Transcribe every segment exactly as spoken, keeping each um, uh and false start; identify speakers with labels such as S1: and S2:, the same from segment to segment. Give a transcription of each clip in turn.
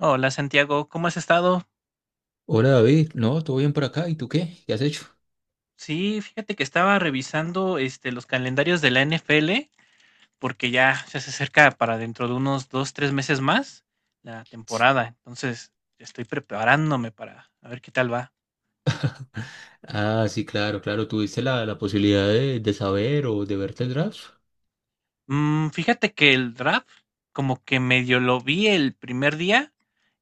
S1: Hola Santiago, ¿cómo has estado?
S2: Hola David, no, todo bien por acá, ¿y tú qué? ¿Qué has hecho?
S1: Sí, fíjate que estaba revisando este, los calendarios de la N F L porque ya ya se acerca, para dentro de unos dos, tres meses más, la temporada. Entonces estoy preparándome para a ver qué tal va.
S2: Ah, sí, claro, claro, ¿tuviste la, la posibilidad de, de saber o de verte el draft?
S1: Mm, fíjate que el draft como que medio lo vi el primer día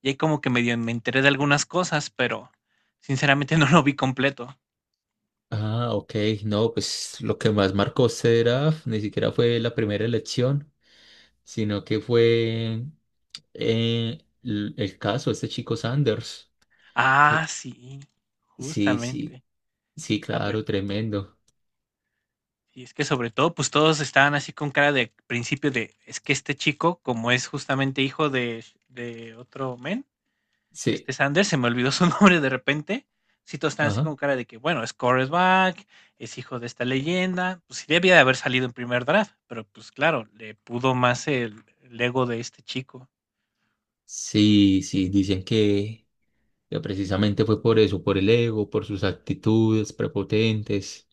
S1: y ahí como que medio me enteré de algunas cosas, pero sinceramente no lo vi completo.
S2: Ah, ok, no, pues lo que más marcó este draft ni siquiera fue la primera elección, sino que fue eh, l- el caso de este chico Sanders,
S1: Ah,
S2: que
S1: sí,
S2: sí, sí,
S1: justamente.
S2: sí,
S1: A ver.
S2: claro, tremendo,
S1: Y es que sobre todo, pues todos estaban así con cara de principio de, es que este chico, como es justamente hijo de, de otro men, de este
S2: sí,
S1: Sanders, se me olvidó su nombre de repente, sí todos están así con
S2: ajá,
S1: cara de que, bueno, es quarterback, es hijo de esta leyenda, pues sí debía de haber salido en primer draft, pero pues claro, le pudo más el, el ego de este chico.
S2: sí, sí, dicen que que precisamente fue por eso, por el ego, por sus actitudes prepotentes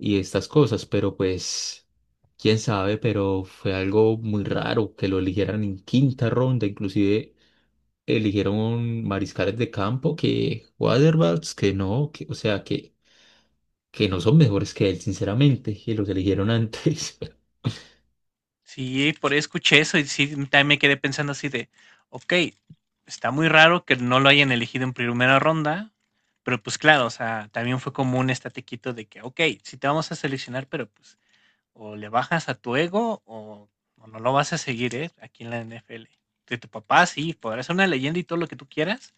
S2: y estas cosas, pero pues, quién sabe, pero fue algo muy raro que lo eligieran en quinta ronda. Inclusive eligieron mariscales de campo que Waterballs, que no, que, o sea, que, que no son mejores que él, sinceramente, y los eligieron antes.
S1: Sí, por ahí escuché eso y sí, también me quedé pensando así de, ok, está muy raro que no lo hayan elegido en primera ronda, pero pues claro, o sea, también fue como un estatequito de que, ok, sí te vamos a seleccionar, pero pues o le bajas a tu ego o, o no lo vas a seguir, ¿eh? Aquí en la N F L. De tu papá, sí, podrá ser una leyenda y todo lo que tú quieras,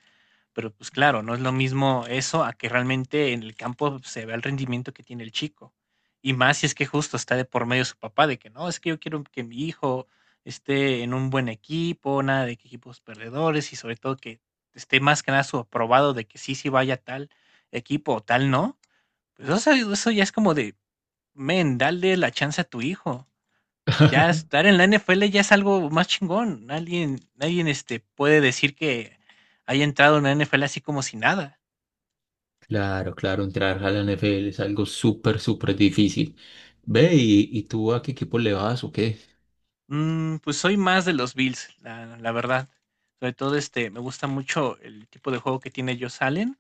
S1: pero, pues claro, no es lo mismo eso a que realmente en el campo se vea el rendimiento que tiene el chico. Y más si es que justo está de por medio su papá, de que no, es que yo quiero que mi hijo esté en un buen equipo, nada de que equipos perdedores y sobre todo que esté más que nada su aprobado de que sí, sí vaya a tal equipo o tal no. Pues eso, eso ya es como de, men, dale la chance a tu hijo. Ya estar en la N F L ya es algo más chingón. Alguien, alguien este, puede decir que haya entrado en la N F L así como si nada.
S2: Claro, claro, entrar a la N F L es algo súper, súper difícil. Ve, ¿y, y tú a qué equipo le vas o qué?
S1: Mm, pues soy más de los Bills, la, la verdad. Sobre todo este, me gusta mucho el tipo de juego que tiene Josh Allen.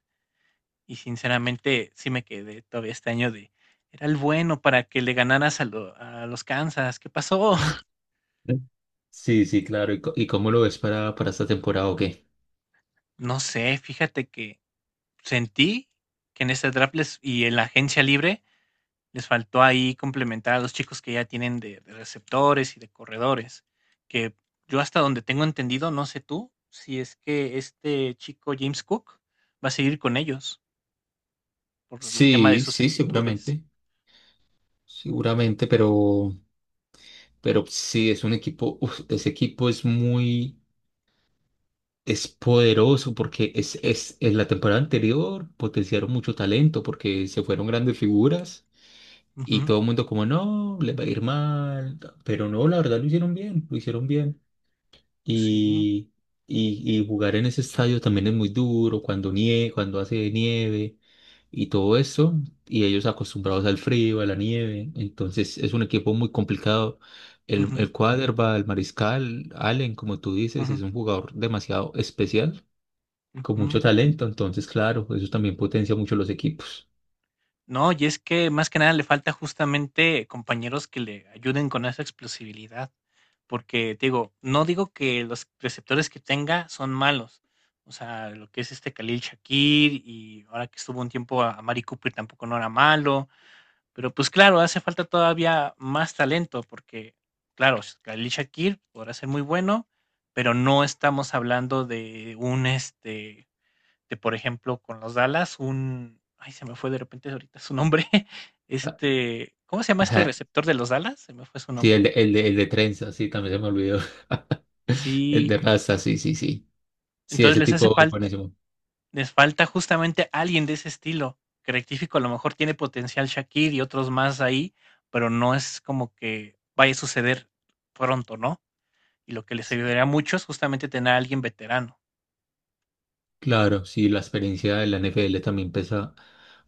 S1: Y sinceramente sí me quedé todavía este año de, era el bueno para que le ganaras a, lo- a los Kansas. ¿Qué pasó?
S2: Sí, sí, claro. ¿Y, co- y cómo lo ves para, para esta temporada o qué?
S1: No sé, fíjate que sentí que en este draft les- y en la agencia libre les faltó ahí complementar a los chicos que ya tienen de, de receptores y de corredores, que yo hasta donde tengo entendido, no sé tú, si es que este chico James Cook va a seguir con ellos por el tema de
S2: Sí,
S1: sus
S2: sí,
S1: actitudes.
S2: seguramente. Seguramente, pero, pero sí, es un equipo, uf, ese equipo es muy, es poderoso porque es, es, en la temporada anterior potenciaron mucho talento porque se fueron grandes figuras y
S1: Ujú.
S2: todo el mundo como, no, les va a ir mal, pero no, la verdad lo hicieron bien, lo hicieron bien.
S1: Sí.
S2: Y, y, y jugar en ese estadio también es muy duro cuando nieve, cuando hace nieve y todo eso. Y ellos acostumbrados al frío, a la nieve. Entonces es un equipo muy complicado. El,
S1: Ujú,
S2: el quarterback, el mariscal, Allen, como tú dices,
S1: ujú,
S2: es un jugador demasiado especial, con mucho
S1: ujú.
S2: talento. Entonces, claro, eso también potencia mucho los equipos.
S1: No, y es que más que nada le falta justamente compañeros que le ayuden con esa explosibilidad, porque te digo, no digo que los receptores que tenga son malos, o sea, lo que es este Khalil Shakir y ahora que estuvo un tiempo a a Mari Cooper tampoco no era malo, pero pues claro, hace falta todavía más talento, porque claro, Khalil Shakir podrá ser muy bueno, pero no estamos hablando de un este de, por ejemplo, con los Dallas, un. Ay, se me fue de repente ahorita su nombre.
S2: Ah,
S1: Este. ¿Cómo se llama este
S2: ajá.
S1: receptor de los Dallas? Se me fue su
S2: Sí, el
S1: nombre.
S2: de, el de, el de trenza, sí, también se me olvidó. El
S1: Sí.
S2: de raza, sí, sí, sí. Sí,
S1: Entonces
S2: ese
S1: les hace
S2: tipo es
S1: falta.
S2: buenísimo.
S1: Les falta justamente alguien de ese estilo. Que rectifico, a lo mejor tiene potencial Shakir y otros más ahí, pero no es como que vaya a suceder pronto, ¿no? Y lo que les ayudaría mucho es justamente tener a alguien veterano.
S2: Claro, sí, la experiencia de la N F L también pesa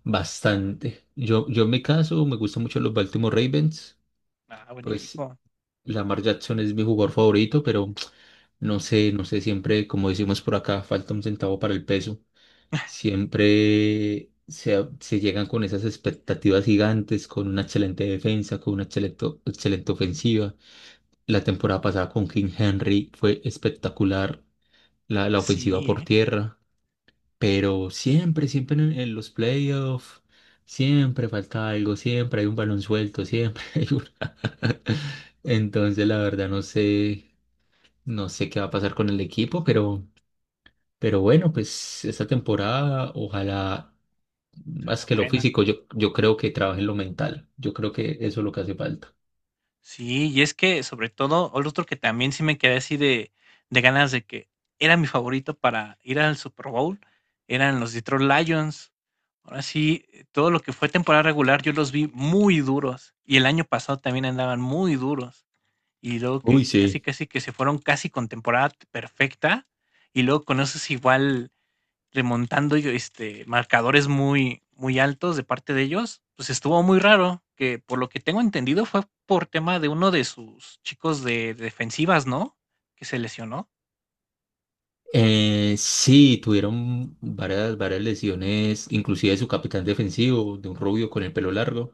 S2: bastante. Yo, yo en mi caso me gustan mucho los Baltimore Ravens,
S1: Ah, buen
S2: pues
S1: equipo.
S2: Lamar Jackson es mi jugador favorito, pero no sé, no sé, siempre, como decimos por acá, falta un centavo para el peso. Siempre se, se llegan con esas expectativas gigantes, con una excelente defensa, con una excelente, excelente ofensiva. La temporada pasada con King Henry fue espectacular, la, la ofensiva
S1: Así,
S2: por
S1: ¿eh?
S2: tierra. Pero siempre, siempre en, en los playoffs, siempre falta algo, siempre hay un balón suelto, siempre hay una. Entonces, la verdad, no sé, no sé qué va a pasar con el equipo, pero, pero bueno, pues esta temporada, ojalá,
S1: O sea, la
S2: más que lo
S1: buena.
S2: físico, yo, yo creo que trabajen lo mental. Yo creo que eso es lo que hace falta.
S1: Sí, y es que sobre todo, o otro que también sí me quedé así de, de ganas de que era mi favorito para ir al Super Bowl, eran los Detroit Lions. Ahora sí, eh, todo lo que fue temporada regular yo los vi muy duros y el año pasado también andaban muy duros y luego
S2: Uy,
S1: que casi
S2: sí.
S1: casi que se fueron casi con temporada perfecta y luego con esos igual remontando yo, este, marcadores muy, muy altos de parte de ellos, pues estuvo muy raro, que por lo que tengo entendido fue por tema de uno de sus chicos de, de defensivas, ¿no? Que se lesionó.
S2: Eh, sí, tuvieron varias, varias lesiones, inclusive su capitán defensivo, de un rubio con el pelo largo,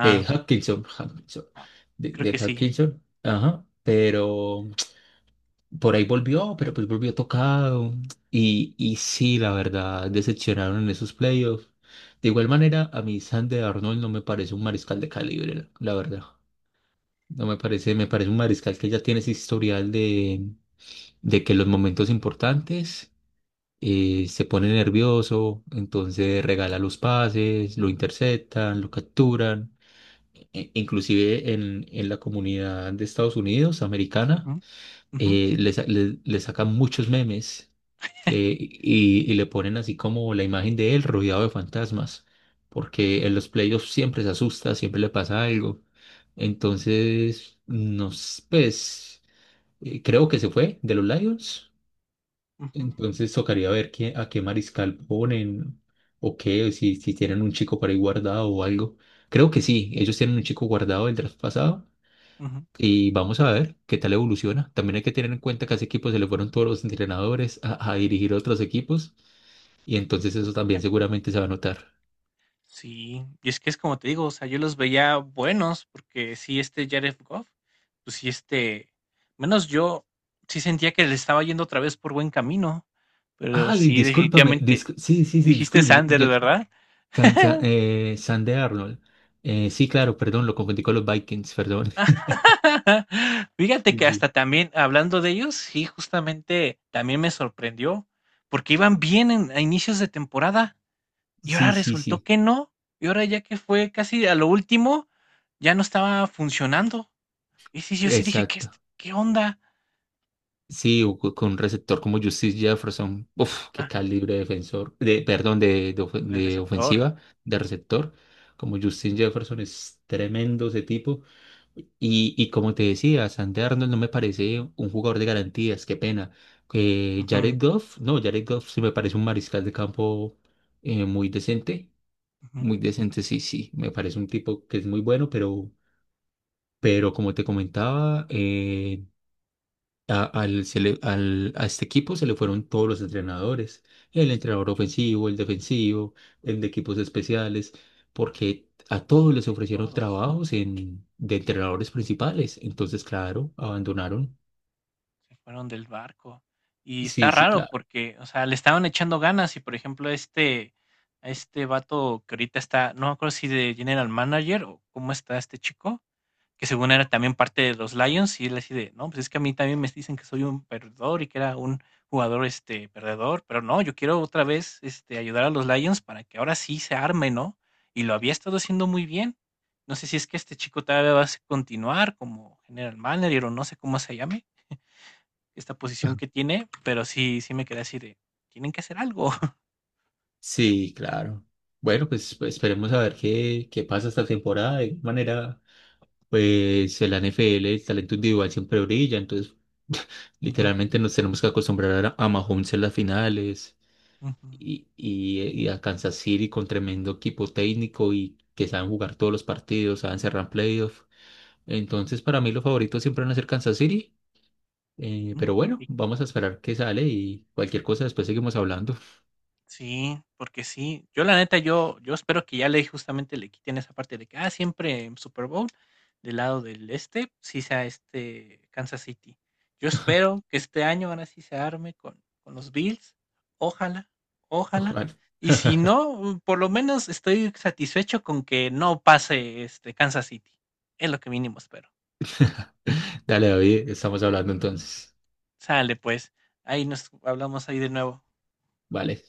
S2: eh, Hutchinson, Hutchinson,
S1: ah,
S2: de,
S1: creo que
S2: de
S1: sí.
S2: Hutchinson, ajá, pero por ahí volvió, pero pues volvió tocado. Y, y sí, la verdad, decepcionaron en esos playoffs. De igual manera, a mí Sander Arnold no me parece un mariscal de calibre, la verdad. No me parece, me parece un mariscal que ya tiene ese historial de, de que los momentos importantes eh, se pone nervioso, entonces regala los pases, lo interceptan, lo capturan. E- Inclusive en, en la comunidad de Estados Unidos,
S1: Ujú,
S2: americana,
S1: ujú,
S2: eh, le, sa- le- le sacan muchos memes que- y, y le ponen así como la imagen de él rodeado de fantasmas, porque en los playoffs siempre se asusta, siempre le pasa algo. Entonces, nos, pues, eh, creo que se fue de los Lions.
S1: ujú,
S2: Entonces tocaría ver qué, a qué mariscal ponen o qué, o si, si tienen un chico por ahí guardado o algo. Creo que sí, ellos tienen un chico guardado del draft pasado y vamos a ver qué tal evoluciona. También hay que tener en cuenta que a ese equipo se le fueron todos los entrenadores a, a dirigir otros equipos y entonces eso también
S1: ujú.
S2: seguramente se va a notar.
S1: Sí, y es que es como te digo, o sea, yo los veía buenos, porque sí, este Jared Goff, pues sí, este, menos yo sí sentía que le estaba yendo otra vez por buen camino, pero
S2: Ay,
S1: sí,
S2: discúlpame,
S1: definitivamente,
S2: discu- sí, sí, sí,
S1: dijiste
S2: discúlpame.
S1: Sanders, ¿verdad?
S2: San, de Arnold. Eh, sí, claro, perdón, lo confundí con los Vikings, perdón.
S1: Fíjate
S2: Sí,
S1: que
S2: sí.
S1: hasta también, hablando de ellos, sí, justamente también me sorprendió, porque iban bien en- a inicios de temporada y ahora
S2: Sí, sí,
S1: resultó
S2: sí,
S1: que no, y ahora ya que fue casi a lo último, ya no estaba funcionando. Y sí, yo sí dije: "¿Qué es
S2: exacto.
S1: qué onda?".
S2: Sí, o co- con un receptor como Justice Jefferson, uf, qué
S1: Ajá,
S2: calibre de defensor, de, perdón, de, de, ofe-
S1: del
S2: de
S1: receptor.
S2: ofensiva, de receptor, como Justin Jefferson es tremendo ese tipo. Y, y como te decía, Sandy Arnold no me parece un jugador de garantías, qué pena. Eh, Jared
S1: Ujú,
S2: Goff, no, Jared Goff sí me parece un mariscal de campo, eh, muy decente,
S1: ujú.
S2: muy decente, sí, sí, me parece un tipo que es muy bueno, pero, pero como te comentaba, eh, a, al- se le- al- a este equipo se le fueron todos los entrenadores, el entrenador ofensivo, el defensivo, el de equipos especiales, porque a
S1: No,
S2: todos les ofrecieron
S1: todos
S2: trabajos en, de entrenadores principales. Entonces, claro, abandonaron.
S1: se fueron del barco. Y está
S2: Sí, sí,
S1: raro
S2: claro.
S1: porque, o sea, le estaban echando ganas y, por ejemplo, este a este vato que ahorita está, no me acuerdo si de general manager o cómo está este chico, que según era también parte de los Lions, y él así de, no, pues es que a mí también me dicen que soy un perdedor y que era un jugador este perdedor, pero no, yo quiero otra vez este ayudar a los Lions para que ahora sí se arme, ¿no? Y lo había estado haciendo muy bien. No sé si es que este chico todavía va a continuar como general manager o no sé cómo se llame esta posición que tiene, pero sí sí me quedé así de tienen que hacer algo.
S2: Sí, claro. Bueno, pues pues, esperemos a ver qué, qué pasa esta temporada. De manera, pues el N F L, el talento individual siempre brilla, entonces
S1: Ujú,
S2: literalmente nos tenemos que acostumbrar a, a Mahomes en las finales.
S1: ujú,
S2: y, y, y a Kansas City con tremendo equipo técnico y que saben jugar todos los partidos, saben cerrar playoffs. Entonces, para mí los favoritos siempre van a ser Kansas City. Eh,
S1: ujú.
S2: pero bueno,
S1: Y
S2: vamos a esperar que sale y cualquier cosa después seguimos hablando.
S1: sí, porque sí. Yo la neta, yo, yo espero que ya le justamente le quiten esa parte de que ah, siempre en Super Bowl del lado del este, sí sea este Kansas City. Yo espero que este año ahora sí se arme con, con los Bills. Ojalá, ojalá.
S2: Ojalá.
S1: Y si no, mm, por lo menos estoy satisfecho con que no pase este Kansas City. Es lo que mínimo espero.
S2: Dale, David, estamos hablando entonces.
S1: Sale pues. Ahí nos hablamos ahí de nuevo.
S2: Vale.